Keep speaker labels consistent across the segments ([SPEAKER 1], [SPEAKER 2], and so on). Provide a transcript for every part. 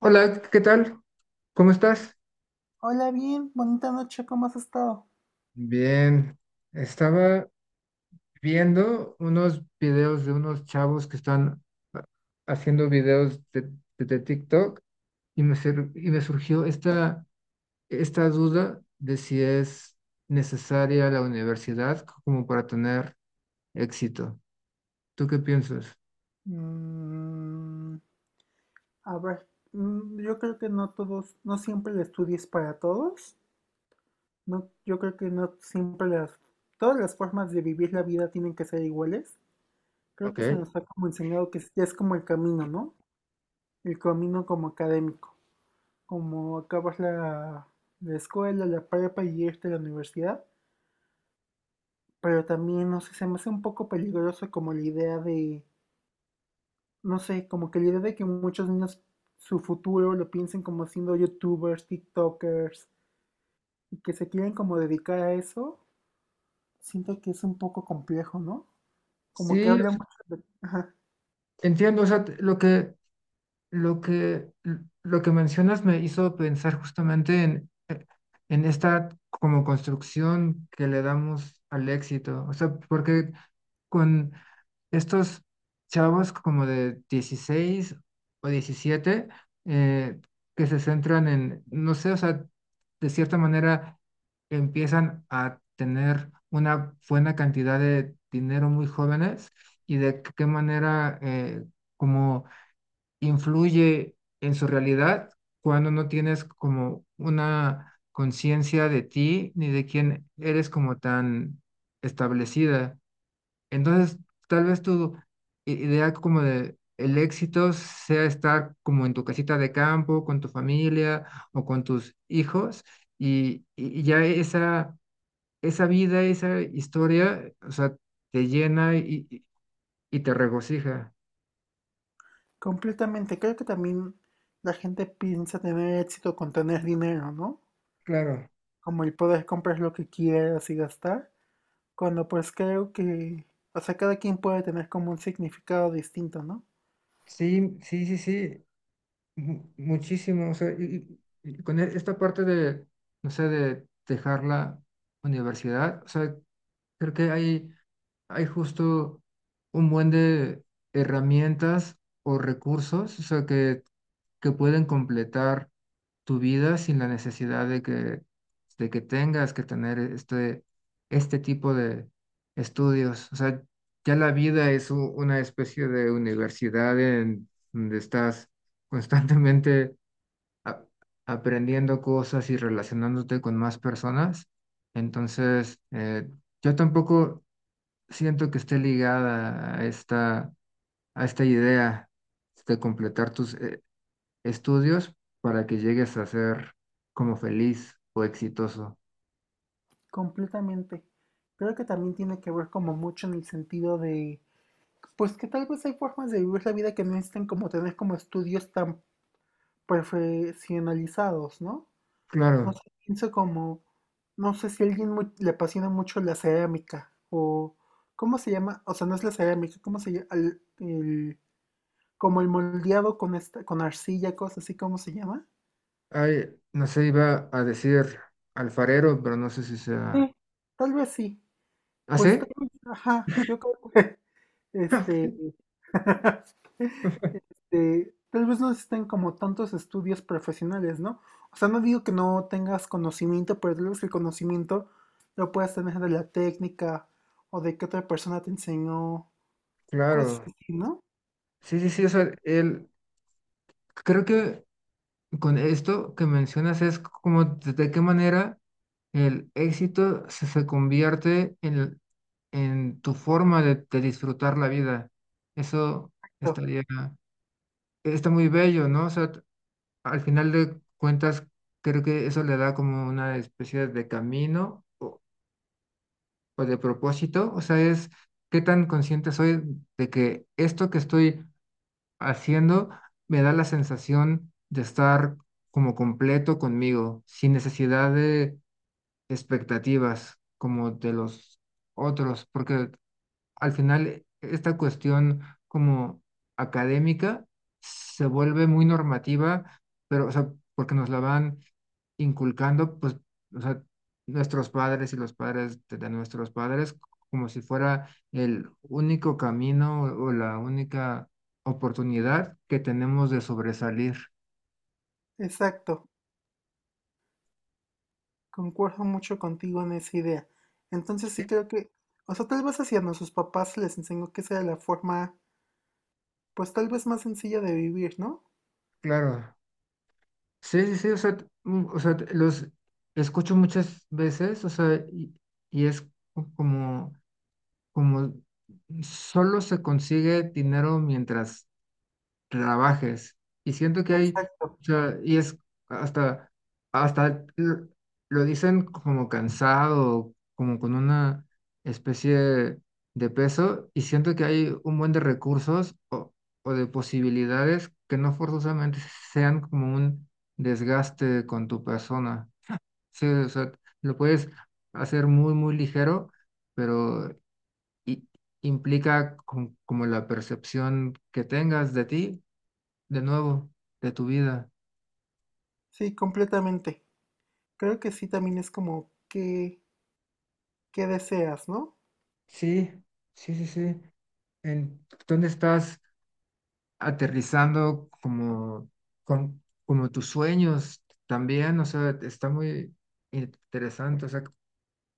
[SPEAKER 1] Hola, ¿qué tal? ¿Cómo estás?
[SPEAKER 2] Hola, bien, bonita noche, ¿cómo has estado?
[SPEAKER 1] Bien, estaba viendo unos videos de unos chavos que están ha- haciendo videos de TikTok y y me surgió esta duda de si es necesaria la universidad como para tener éxito. ¿Tú qué piensas?
[SPEAKER 2] Mm, a ver, yo creo que no siempre el estudio es para todos. No, yo creo que no siempre las, todas las formas de vivir la vida tienen que ser iguales. Creo que se
[SPEAKER 1] Ok.
[SPEAKER 2] nos ha como enseñado que ya es como el camino, ¿no? El camino como académico, como acabas la escuela, la prepa y irte a la universidad. Pero también, no sé, se me hace un poco peligroso como la idea de no sé, como que la idea de que muchos niños su futuro lo piensen como siendo youtubers, tiktokers, y que se quieren como dedicar a eso, siento que es un poco complejo, ¿no? Como que
[SPEAKER 1] Sí,
[SPEAKER 2] habla mucho de... Ajá,
[SPEAKER 1] entiendo, o sea, Lo que, lo que mencionas me hizo pensar justamente en esta como construcción que le damos al éxito. O sea, porque con estos chavos como de 16 o 17 eh, que se centran en, no sé, o sea, de cierta manera empiezan a tener una buena cantidad de dinero muy jóvenes y de qué manera como influye en su realidad cuando no tienes como una conciencia de ti ni de quién eres como tan establecida. Entonces, tal vez idea como de el éxito sea estar como en tu casita de campo, con tu familia o con tus hijos y ya esa vida, esa historia, o sea, te llena y te regocija.
[SPEAKER 2] completamente. Creo que también la gente piensa tener éxito con tener dinero, ¿no?
[SPEAKER 1] Claro,
[SPEAKER 2] Como el poder comprar lo que quieras y gastar, cuando pues creo que, o sea, cada quien puede tener como un significado distinto, ¿no?
[SPEAKER 1] sí. mu- muchísimo, o sea, y con esta parte de, no sé, de dejar la universidad, o sea, creo que hay justo un buen de herramientas o recursos, o sea, que pueden completar tu vida sin la necesidad de que tengas que tener este tipo de estudios. O sea, ya la vida es una especie de universidad en donde estás constantemente a- aprendiendo cosas y relacionándote con más personas. Entonces, yo tampoco siento que esté ligada a a esta idea de completar tus estudios para que llegues a ser como feliz o exitoso.
[SPEAKER 2] Completamente. Creo que también tiene que ver como mucho en el sentido de pues que tal vez hay formas de vivir la vida que no necesitan como tener como estudios tan profesionalizados, ¿no? No sé,
[SPEAKER 1] Claro,
[SPEAKER 2] pienso como, no sé si a alguien le apasiona mucho la cerámica o, ¿cómo se llama? O sea, no es la cerámica, ¿cómo se llama? Como el moldeado con esta, con arcilla, cosas así, ¿cómo se llama?
[SPEAKER 1] hay, no sé, iba a decir alfarero, pero no sé si sea...
[SPEAKER 2] Sí, tal vez sí.
[SPEAKER 1] ¿Ah, sí?
[SPEAKER 2] Pues tal vez, ajá, yo creo que, este, este, tal vez no existen como tantos estudios profesionales, ¿no? O sea, no digo que no tengas conocimiento, pero tal vez el conocimiento lo puedas tener de la técnica o de que otra persona te enseñó, cosas
[SPEAKER 1] Claro.
[SPEAKER 2] así, ¿no?
[SPEAKER 1] Sí, sí, sí, o sea, creo que con esto que mencionas es como de qué manera el éxito se convierte en tu forma de disfrutar la vida. Eso
[SPEAKER 2] Pero,
[SPEAKER 1] estaría, Está muy bello, ¿no? O sea, al final de cuentas, creo que eso le da como una especie de camino o de propósito. O sea, es qué tan consciente soy de que esto que estoy haciendo me da la sensación de estar como completo conmigo, sin necesidad de expectativas como de los otros, porque al final esta cuestión como académica se vuelve muy normativa, pero, o sea, porque nos la van inculcando, pues, o sea, nuestros padres y los padres de nuestros padres, como si fuera el único camino o la única oportunidad que tenemos de sobresalir.
[SPEAKER 2] exacto, concuerdo mucho contigo en esa idea. Entonces
[SPEAKER 1] Sí,
[SPEAKER 2] sí creo que, o sea, tal vez hacia nuestros papás se les enseñó que esa era la forma, pues tal vez más sencilla de vivir, ¿no?
[SPEAKER 1] claro. Sí, sí, sí, o sea, o sea, los escucho muchas veces, o sea, y es como como solo se consigue dinero mientras trabajes. Y siento que hay,
[SPEAKER 2] Exacto,
[SPEAKER 1] o sea, y es hasta, hasta lo dicen como cansado, como con una especie de peso, y siento que hay un buen de recursos o de posibilidades que no forzosamente sean como un desgaste con tu persona. Sí, o sea, lo puedes hacer muy, muy ligero pero i- implica como la percepción que tengas de ti, de nuevo, de tu vida.
[SPEAKER 2] sí, completamente. Creo que sí también es como que, qué deseas, ¿no?
[SPEAKER 1] Sí, sí, sí, sí. ¿En dónde estás aterrizando como tus sueños también? O sea, está muy interesante. O sea,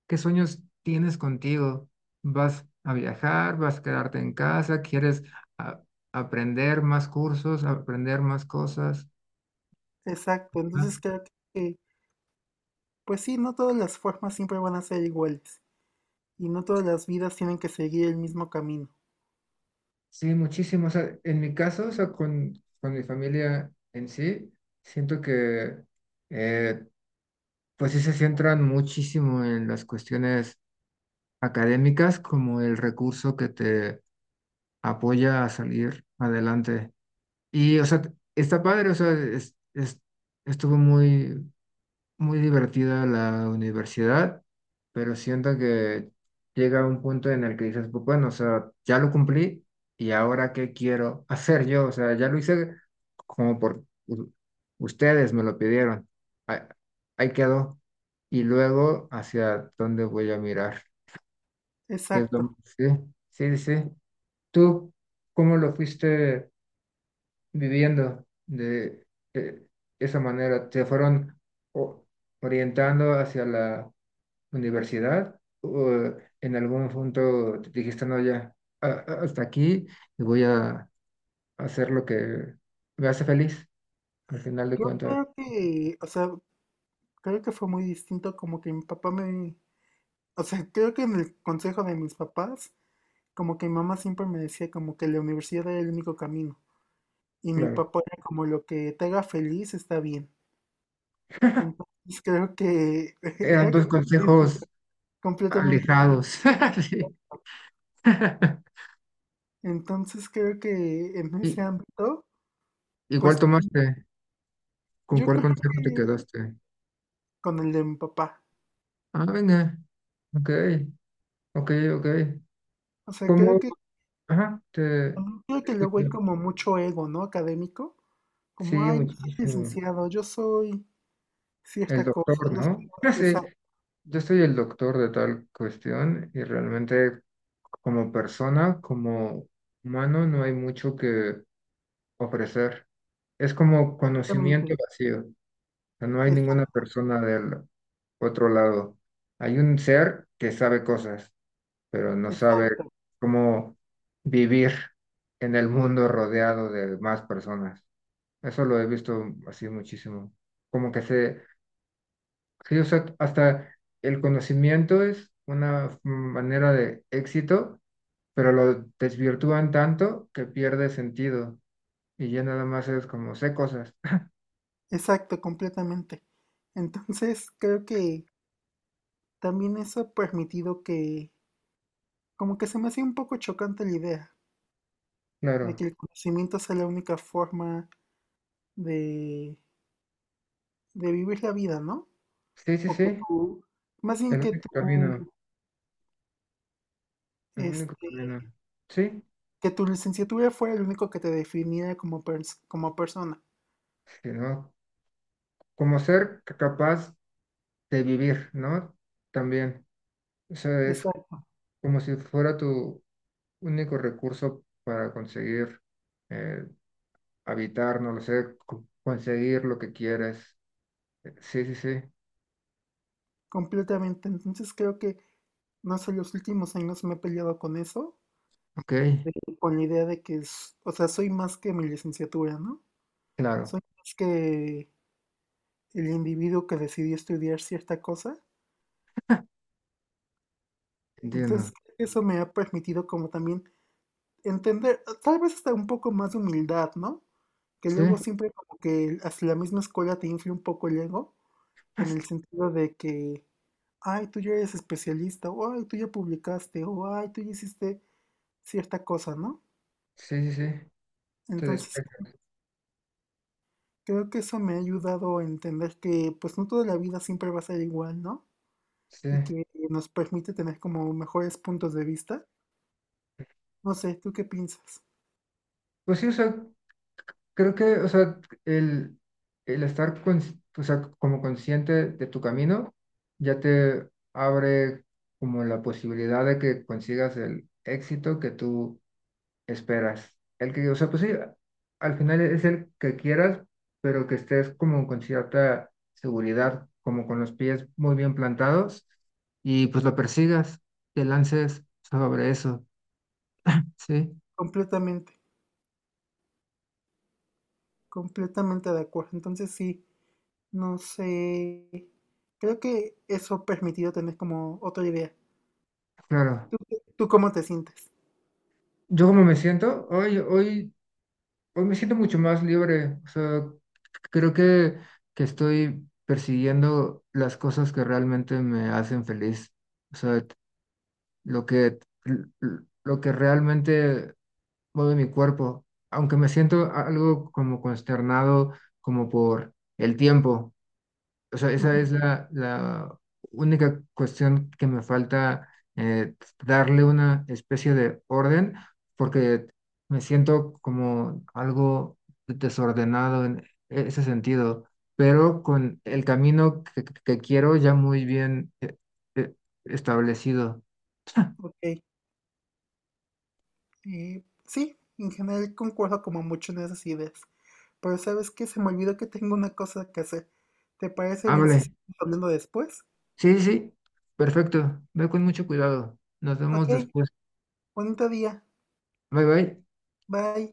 [SPEAKER 1] ¿qué sueños tienes contigo? ¿Vas a viajar? ¿Vas a quedarte en casa? ¿Quieres a- aprender más cursos, aprender más cosas?
[SPEAKER 2] Exacto, entonces creo que, pues sí, no todas las formas siempre van a ser iguales y no todas las vidas tienen que seguir el mismo camino.
[SPEAKER 1] Sí, muchísimo. O sea, en mi caso, o sea, con mi familia en sí, siento que, eh, pues sí se centran muchísimo en las cuestiones académicas como el recurso que te apoya a salir adelante. Y, o sea, está padre, o sea, estuvo muy, muy divertida la universidad, pero siento que llega un punto en el que dices, pues bueno, o sea, ya lo cumplí y ahora qué quiero hacer yo, o sea, ya lo hice como por ustedes me lo pidieron, ahí, ahí quedó. Y luego, ¿hacia dónde voy a mirar? ¿Qué es lo...
[SPEAKER 2] Exacto.
[SPEAKER 1] Sí, sí, sí. ¿Tú cómo lo fuiste viviendo de esa manera? ¿Te fueron... o- orientando hacia la universidad o en algún punto te dijiste, no, ya, hasta aquí y voy a hacer lo que me hace feliz? Al final de
[SPEAKER 2] Yo
[SPEAKER 1] cuentas,
[SPEAKER 2] creo que, o sea, creo que fue muy distinto como que mi papá me, o sea, creo que en el consejo de mis papás, como que mi mamá siempre me decía como que la universidad era el único camino y mi
[SPEAKER 1] claro,
[SPEAKER 2] papá era como lo que te haga feliz está bien. Entonces creo que
[SPEAKER 1] eran
[SPEAKER 2] era
[SPEAKER 1] dos
[SPEAKER 2] como que
[SPEAKER 1] consejos
[SPEAKER 2] completamente.
[SPEAKER 1] alejados. Sí.
[SPEAKER 2] Entonces creo que en ese
[SPEAKER 1] ¿Y,
[SPEAKER 2] ámbito,
[SPEAKER 1] igual
[SPEAKER 2] pues
[SPEAKER 1] tomaste? ¿Con
[SPEAKER 2] yo
[SPEAKER 1] cuál
[SPEAKER 2] creo
[SPEAKER 1] consejo te
[SPEAKER 2] que
[SPEAKER 1] quedaste?
[SPEAKER 2] con el de mi papá.
[SPEAKER 1] Ah, venga, ok, ok, ok.
[SPEAKER 2] O sea, creo
[SPEAKER 1] ¿Cómo?
[SPEAKER 2] que,
[SPEAKER 1] Ajá, te
[SPEAKER 2] mm, creo que luego
[SPEAKER 1] escucho.
[SPEAKER 2] hay como mucho ego, ¿no? Académico.
[SPEAKER 1] Sí,
[SPEAKER 2] Como, ay, yo soy
[SPEAKER 1] muchísimo.
[SPEAKER 2] licenciado, yo soy
[SPEAKER 1] El
[SPEAKER 2] cierta cosa,
[SPEAKER 1] doctor,
[SPEAKER 2] yo
[SPEAKER 1] ¿no? Sí,
[SPEAKER 2] soy...
[SPEAKER 1] yo soy el doctor de tal cuestión y realmente como persona, como humano, no hay mucho que ofrecer. Es como conocimiento
[SPEAKER 2] Exactamente,
[SPEAKER 1] vacío. O sea, no hay
[SPEAKER 2] ex-
[SPEAKER 1] ninguna persona del otro lado. Hay un ser que sabe cosas, pero no sabe
[SPEAKER 2] exacto,
[SPEAKER 1] cómo vivir en el mundo rodeado de más personas. Eso lo he visto así muchísimo. Como que se sí, o sea, hasta el conocimiento es una manera de éxito, pero lo desvirtúan tanto que pierde sentido y ya nada más es como sé cosas.
[SPEAKER 2] exacto, completamente. Entonces creo que también eso ha permitido que, como que se me hacía un poco chocante la idea de que
[SPEAKER 1] Claro.
[SPEAKER 2] el conocimiento sea la única forma de, de vivir la vida, ¿no?
[SPEAKER 1] Sí, sí,
[SPEAKER 2] O que
[SPEAKER 1] sí.
[SPEAKER 2] tú, más
[SPEAKER 1] El
[SPEAKER 2] bien que
[SPEAKER 1] único camino.
[SPEAKER 2] tú,
[SPEAKER 1] El único
[SPEAKER 2] este,
[SPEAKER 1] camino. Sí,
[SPEAKER 2] que tu licenciatura fuera el único que te definiera como, como persona.
[SPEAKER 1] sino como ser capaz de vivir, ¿no? También. O sea, es
[SPEAKER 2] Exacto,
[SPEAKER 1] como si fuera tu único recurso para conseguir eh, habitar, no lo sé, conseguir lo que quieres sí, sí, sí.
[SPEAKER 2] completamente. Entonces creo que, no sé, los últimos años me he peleado con eso,
[SPEAKER 1] Ok,
[SPEAKER 2] de- con la idea de que, o sea, soy más que mi licenciatura, ¿no?
[SPEAKER 1] claro,
[SPEAKER 2] Soy más que el individuo que decidió estudiar cierta cosa.
[SPEAKER 1] entiendo.
[SPEAKER 2] Entonces creo que eso me ha permitido como también entender, tal vez hasta un poco más de humildad, ¿no? Que
[SPEAKER 1] Sí,
[SPEAKER 2] luego siempre como que hasta la misma escuela te infla un poco el ego, en el sentido de que, ay, tú ya eres especialista, o ay, tú ya publicaste, o ay, tú ya hiciste cierta cosa, ¿no?
[SPEAKER 1] sí, sí, sí. Te
[SPEAKER 2] Entonces,
[SPEAKER 1] despeja.
[SPEAKER 2] creo que eso me ha ayudado a entender que pues no toda la vida siempre va a ser igual, ¿no?
[SPEAKER 1] Sí.
[SPEAKER 2] Y que nos permite tener como mejores puntos de vista. No sé, ¿tú qué piensas?
[SPEAKER 1] Pues sí, o sea, creo que, o sea, el, el estar o sea, como consciente de tu camino ya te abre como la posibilidad de que consigas el éxito que tú esperas. El que, o sea, pues sí, al final es el que quieras, pero que estés como con cierta seguridad, como con los pies muy bien plantados y pues lo persigas, te lances sobre eso, ¿sí?
[SPEAKER 2] Completamente, completamente de acuerdo. Entonces, sí, no sé. Creo que eso ha permitido tener como otra idea.
[SPEAKER 1] Claro.
[SPEAKER 2] ¿Tú, tú cómo te sientes?
[SPEAKER 1] Yo como me siento, hoy me siento mucho más libre, o sea, creo que estoy persiguiendo las cosas que realmente me hacen feliz, o sea, lo que, lo que realmente mueve mi cuerpo, aunque me siento algo como consternado, como por el tiempo. O sea,
[SPEAKER 2] Ujú,
[SPEAKER 1] esa es la única cuestión que me falta eh, darle una especie de orden, porque me siento como algo desordenado en ese sentido, pero con el camino que quiero ya muy bien eh, establecido.
[SPEAKER 2] ok. Eh, sí, en general concuerdo como mucho en esas ideas. Pero ¿sabes qué? Se me olvidó que tengo una cosa que hacer. ¿Te parece bien si
[SPEAKER 1] Hable.
[SPEAKER 2] seguimos hablando después?
[SPEAKER 1] Sí, sí, sí. Perfecto. Ve con mucho cuidado. Nos
[SPEAKER 2] Ok,
[SPEAKER 1] vemos después.
[SPEAKER 2] bonito día.
[SPEAKER 1] Bye, bye.
[SPEAKER 2] Bye.